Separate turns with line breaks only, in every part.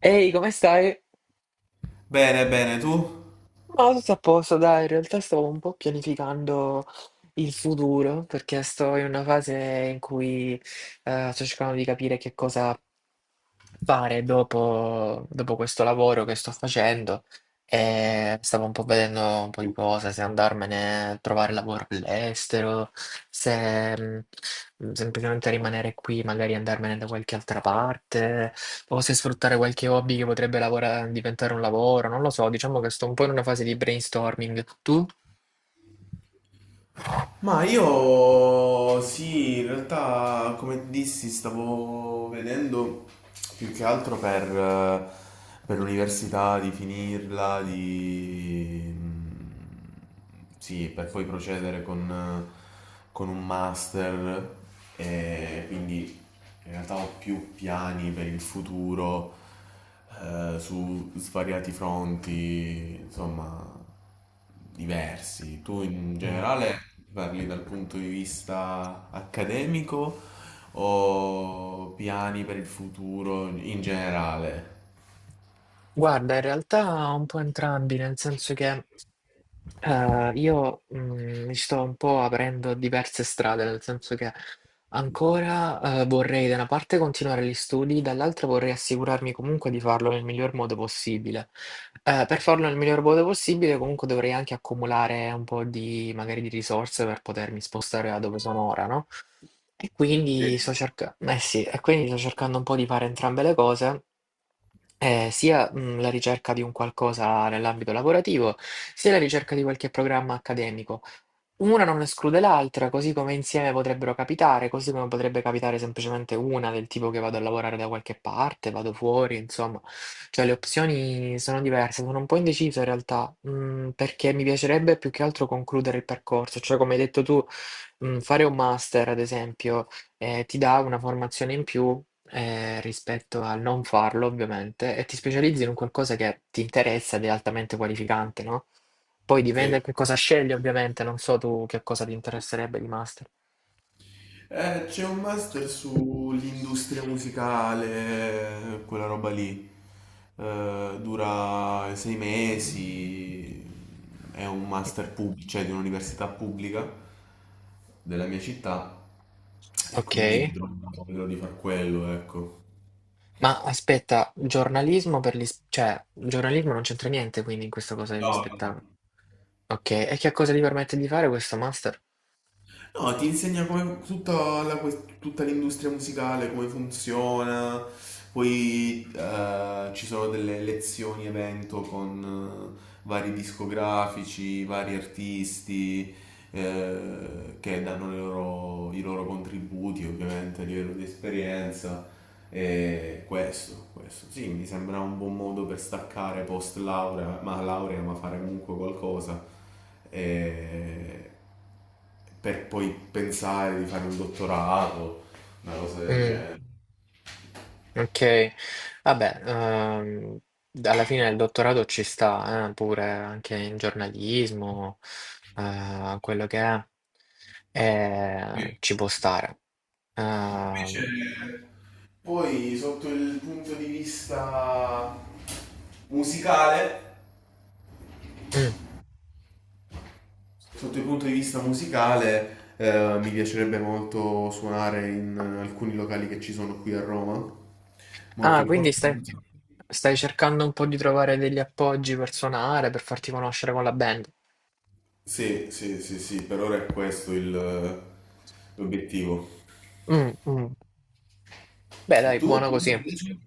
Ehi, come stai?
Bene, bene, tu?
Ma tutto a posto, dai, in realtà stavo un po' pianificando il futuro perché sto in una fase in cui sto cercando di capire che cosa fare dopo, dopo questo lavoro che sto facendo e stavo un po' vedendo un po' di cose, se andarmene a trovare lavoro all'estero, se semplicemente rimanere qui, magari andarmene da qualche altra parte, o se sfruttare qualche hobby che potrebbe diventare un lavoro, non lo so, diciamo che sto un po' in una fase di brainstorming. Tu?
Ma io sì, in realtà come dissi stavo vedendo più che altro per l'università, di finirla, sì, per poi procedere con un master e quindi in realtà ho più piani per il futuro, su svariati fronti, insomma, diversi. Tu in
Mm.
generale parli dal punto di vista accademico o piani per il futuro in generale?
Guarda, in realtà un po' entrambi, nel senso che io mi sto un po' aprendo a diverse strade, nel senso che ancora vorrei da una parte continuare gli studi, dall'altra vorrei assicurarmi comunque di farlo nel miglior modo possibile. Per farlo nel miglior modo possibile, comunque dovrei anche accumulare un po' di magari di risorse per potermi spostare da dove sono ora, no? E quindi e quindi sto cercando un po' di fare entrambe le cose sia la ricerca di un qualcosa nell'ambito lavorativo, sia la ricerca di qualche programma accademico. Una non esclude l'altra, così come insieme potrebbero capitare, così come potrebbe capitare semplicemente una del tipo che vado a lavorare da qualche parte, vado fuori, insomma. Cioè le opzioni sono diverse, sono un po' indeciso in realtà, perché mi piacerebbe più che altro concludere il percorso, cioè come hai detto tu, fare un master, ad esempio, ti dà una formazione in più. Eh, rispetto al non farlo, ovviamente, e ti specializzi in un qualcosa che ti interessa ed è altamente qualificante, no? Poi dipende
Sì.
che cosa scegli, ovviamente, non so tu che cosa ti interesserebbe di master.
C'è un master sull'industria musicale, quella roba lì. Dura sei mesi, è un master pubblico, cioè di un'università pubblica della mia città e
Ok,
quindi vedrò di far quello, ecco.
ma aspetta, giornalismo per gli... cioè, il giornalismo non c'entra niente quindi in questa cosa degli
No.
spettacoli. Ok, e che cosa ti permette di fare questo master?
No, ti insegna come tutta, tutta l'industria musicale, come funziona. Poi ci sono delle lezioni evento con vari discografici, vari artisti, che danno i loro contributi, ovviamente, a livello di esperienza. E questo, sì, mi sembra un buon modo per staccare post laurea, ma fare comunque qualcosa, e per poi pensare di fare un dottorato, una cosa del
Mm.
genere.
Ok, vabbè, alla fine il dottorato ci sta, pure anche in giornalismo, quello che è, ci può stare.
Invece,
Ehm,
poi sotto il punto di vista musicale,
mm.
sotto il punto di vista musicale, mi piacerebbe molto suonare in alcuni locali che ci sono qui a Roma, molto
Ah, quindi
importanti.
stai, stai cercando un po' di trovare degli appoggi per suonare, per farti conoscere con la band.
Sì, sì, sì, sì, per ora è l'obiettivo.
Mm, mm. Beh,
E
dai,
tu?
buono
Sì,
così.
invece?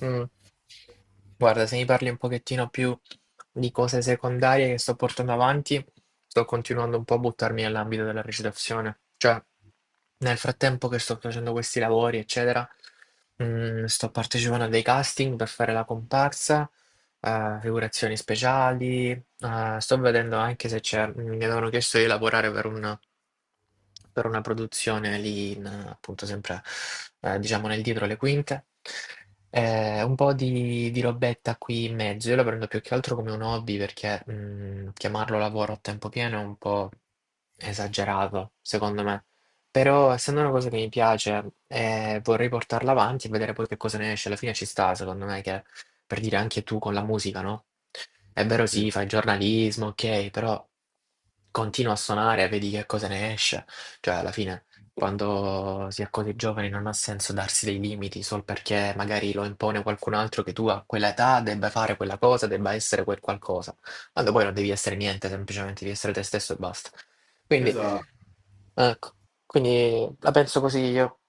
Mm. Guarda, se mi parli un pochettino più di cose secondarie che sto portando avanti, sto continuando un po' a buttarmi nell'ambito della recitazione. Cioè, nel frattempo che sto facendo questi lavori, eccetera, sto partecipando a dei casting per fare la comparsa, figurazioni speciali, Ah, sto vedendo anche se c'è, mi avevano chiesto di lavorare per una produzione lì, in, appunto, sempre diciamo nel dietro le quinte. Un po' di robetta qui in mezzo. Io la prendo più che altro come un hobby perché chiamarlo lavoro a tempo pieno è un po' esagerato, secondo me. Però, essendo una cosa che mi piace, vorrei portarla avanti e vedere poi che cosa ne esce. Alla fine ci sta, secondo me, che per dire anche tu con la musica, no? È vero,
Sì,
sì, fai giornalismo, ok, però continua a suonare, vedi che cosa ne esce. Cioè, alla fine, quando si è così giovani, non ha senso darsi dei limiti solo perché magari lo impone qualcun altro che tu a quell'età debba fare quella cosa, debba essere quel qualcosa. Quando poi non devi essere niente, semplicemente devi essere te stesso e basta. Quindi,
esatto.
ecco, quindi la penso così io.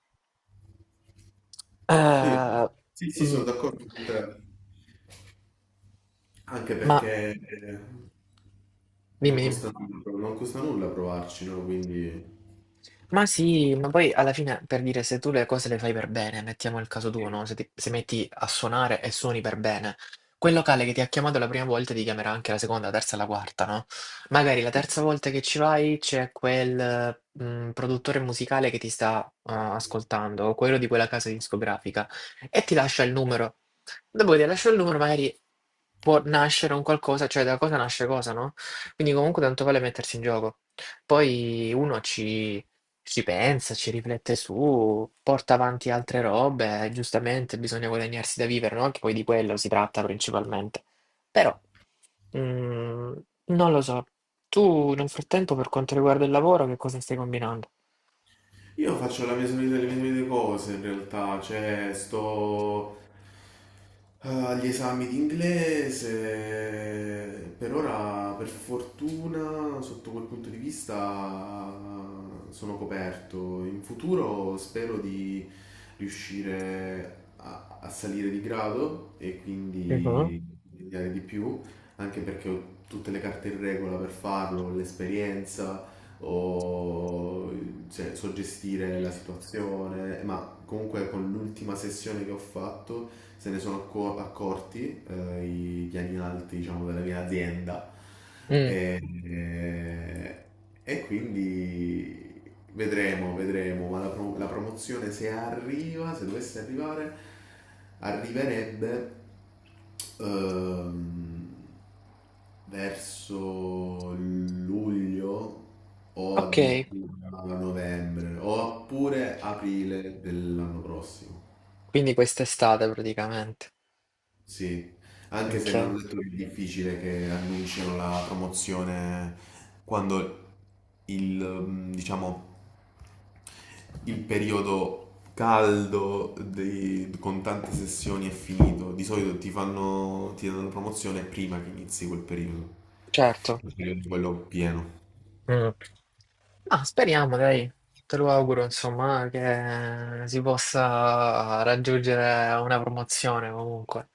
Sì,
Eh,
sì, sì, sono
mm,
d'accordo con te, anche
ma
perché non
dimmi, dimmi.
costa nulla, non costa nulla provarci, no? Quindi...
Ma sì, ma poi alla fine per dire se tu le cose le fai per bene, mettiamo il caso tuo, no? Se ti se metti a suonare e suoni per bene, quel locale che ti ha chiamato la prima volta ti chiamerà anche la seconda, la terza, la quarta, no? Magari la
Sì.
terza volta che ci vai c'è quel produttore musicale che ti sta ascoltando, o quello di quella casa discografica, e ti lascia il numero. Dopo che ti lascia il numero, magari può nascere un qualcosa, cioè da cosa nasce cosa, no? Quindi comunque tanto vale mettersi in gioco. Poi uno ci pensa, ci riflette su, porta avanti altre robe, giustamente bisogna guadagnarsi da vivere, no? Anche poi di quello si tratta principalmente. Però, mm, non lo so. Tu nel frattempo, per quanto riguarda il lavoro, che cosa stai combinando?
Io faccio la mia solita, le mie solite cose in realtà, cioè sto, agli esami di inglese, per ora per fortuna sotto quel punto di vista, sono coperto, in futuro spero di riuscire a salire di grado e
Mhm.
quindi studiare di più, anche perché ho tutte le carte in regola per farlo, l'esperienza o, cioè, so gestire la situazione, ma comunque con l'ultima sessione che ho fatto se ne sono accorti, i piani alti, diciamo, della mia azienda
Mm,
e, e- e quindi vedremo, ma la promozione se arriva, se dovesse arrivare, arriverebbe ehm, verso luglio o
ok,
addirittura a novembre oppure aprile dell'anno prossimo.
quindi quest'estate praticamente.
Sì, anche se mi
Ok,
hanno detto che è difficile che annunciano la promozione quando diciamo, il periodo con tante sessioni è finito. Di solito ti fanno, ti danno la promozione prima che inizi quel periodo,
certo.
il periodo quello pieno.
Mm. Ah, speriamo, dai. Te lo auguro, insomma, che si possa raggiungere una promozione comunque.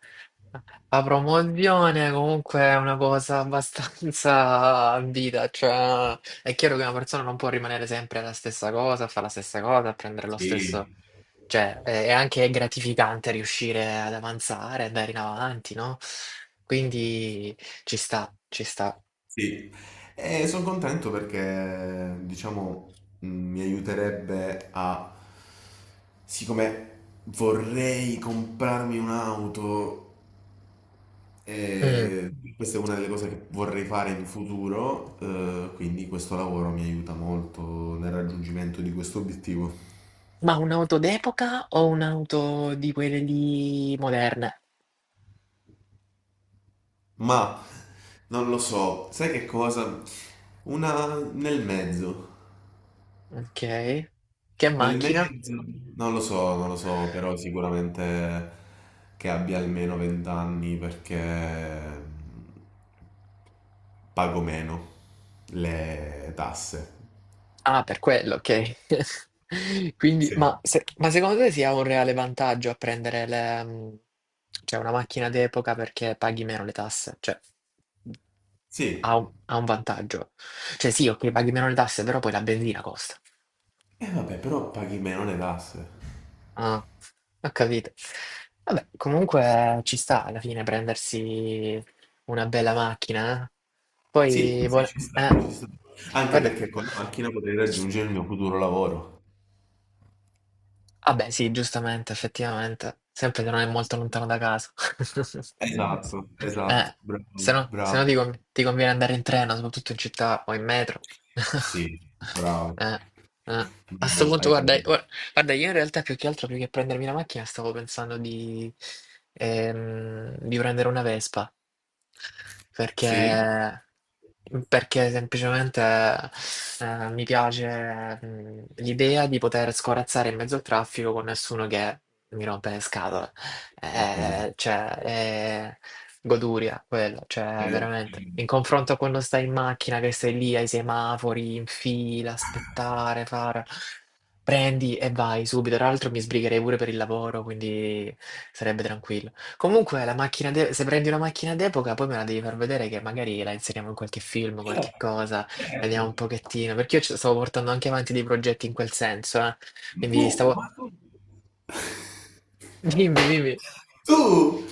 La promozione comunque è una cosa abbastanza ambita, cioè è chiaro che una persona non può rimanere sempre la stessa cosa, fare la stessa cosa, prendere lo
Sì.
stesso, cioè è anche gratificante riuscire ad avanzare, andare in avanti, no? Quindi ci sta, ci sta.
Sì, e sono contento perché diciamo mi aiuterebbe a, siccome vorrei comprarmi un'auto,
Mm.
e questa è una delle cose che vorrei fare in futuro, quindi questo lavoro mi aiuta molto nel raggiungimento di questo obiettivo.
Ma un'auto d'epoca o un'auto di quelle lì moderne?
Ma non lo so, sai che cosa? Una nel mezzo.
Ok. Che
Nel
macchina?
mezzo, non lo so, non lo so, però sicuramente che abbia almeno 20 anni perché pago meno le tasse.
Ah, per quello, ok. Quindi,
Sì.
ma, ma secondo te sia un reale vantaggio a prendere le, cioè una macchina d'epoca perché paghi meno le tasse? Cioè,
Sì,
ha un vantaggio. Cioè, sì, ok, paghi meno le tasse, però poi la benzina costa.
e vabbè, però paghi meno le tasse.
Ah, ho capito. Vabbè, comunque ci sta alla fine prendersi una bella macchina. Eh.
Sì,
Poi,
sì, ci sta, ci sta. Anche
guarda.
perché con la macchina potrei raggiungere il mio futuro lavoro.
Ah beh, sì, giustamente, effettivamente. Sempre che non è molto lontano da casa.
Esatto, esatto,
Eh, se
bravo,
no,
bravo.
ti conviene andare in treno, soprattutto in città o in metro.
Sì, bravo,
Eh, eh. A sto
bravo,
punto,
hai
guarda,
capito.
guarda, io in realtà più che altro, più che prendermi la macchina, stavo pensando di prendere una Vespa,
Sì,
perché, perché semplicemente mi piace l'idea di poter scorazzare in mezzo al traffico con nessuno che mi rompe le scatole.
ho capito.
Cioè, è goduria quello, cioè
Vero.
veramente. In confronto a quando stai in macchina, che stai lì ai semafori, in fila, aspettare, fare... Prendi e vai subito. Tra l'altro mi sbrigherei pure per il lavoro, quindi sarebbe tranquillo. Comunque, se prendi una macchina d'epoca, poi me la devi far vedere che magari la inseriamo in qualche film, qualche cosa, vediamo un pochettino. Perché io ci stavo portando anche avanti dei progetti in quel senso, eh.
Tu,
Quindi stavo...
ma tu,
Dimmi, dimmi.
Tu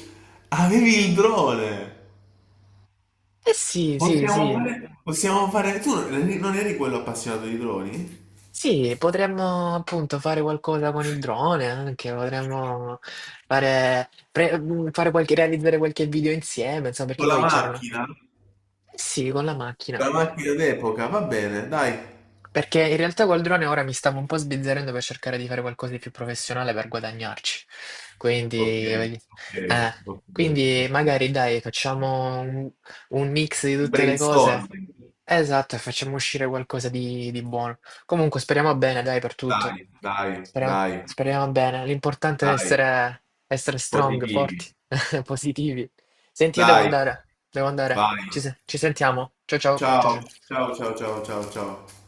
avevi il drone.
Eh sì, sì, sì.
Possiamo fare... Possiamo fare... Tu non eri quello appassionato di droni?
Sì, potremmo appunto fare qualcosa con il drone anche, potremmo fare qualche, realizzare qualche video insieme, insomma, perché
Con la
poi c'erano.
macchina? Con
Sì, con la
la
macchina.
macchina d'epoca, va bene, dai.
Perché in realtà col drone ora mi stavo un po' sbizzarrendo per cercare di fare qualcosa di più professionale per guadagnarci.
Ok,
Quindi,
ok,
eh,
ok,
quindi
ok.
magari dai, facciamo un mix di tutte le cose.
Brainstorming.
Esatto, e facciamo uscire qualcosa di buono. Comunque speriamo bene, dai, per
Dai,
tutto.
dai,
Speriamo,
dai,
speriamo bene. L'importante è
dai.
essere, essere strong,
Positivi.
forti, positivi. Senti, io devo
Dai,
andare, devo andare.
vai.
Ci, se- ci sentiamo. Ciao ciao, ciao
Ciao,
ciao.
ciao, ciao, ciao, ciao, ciao.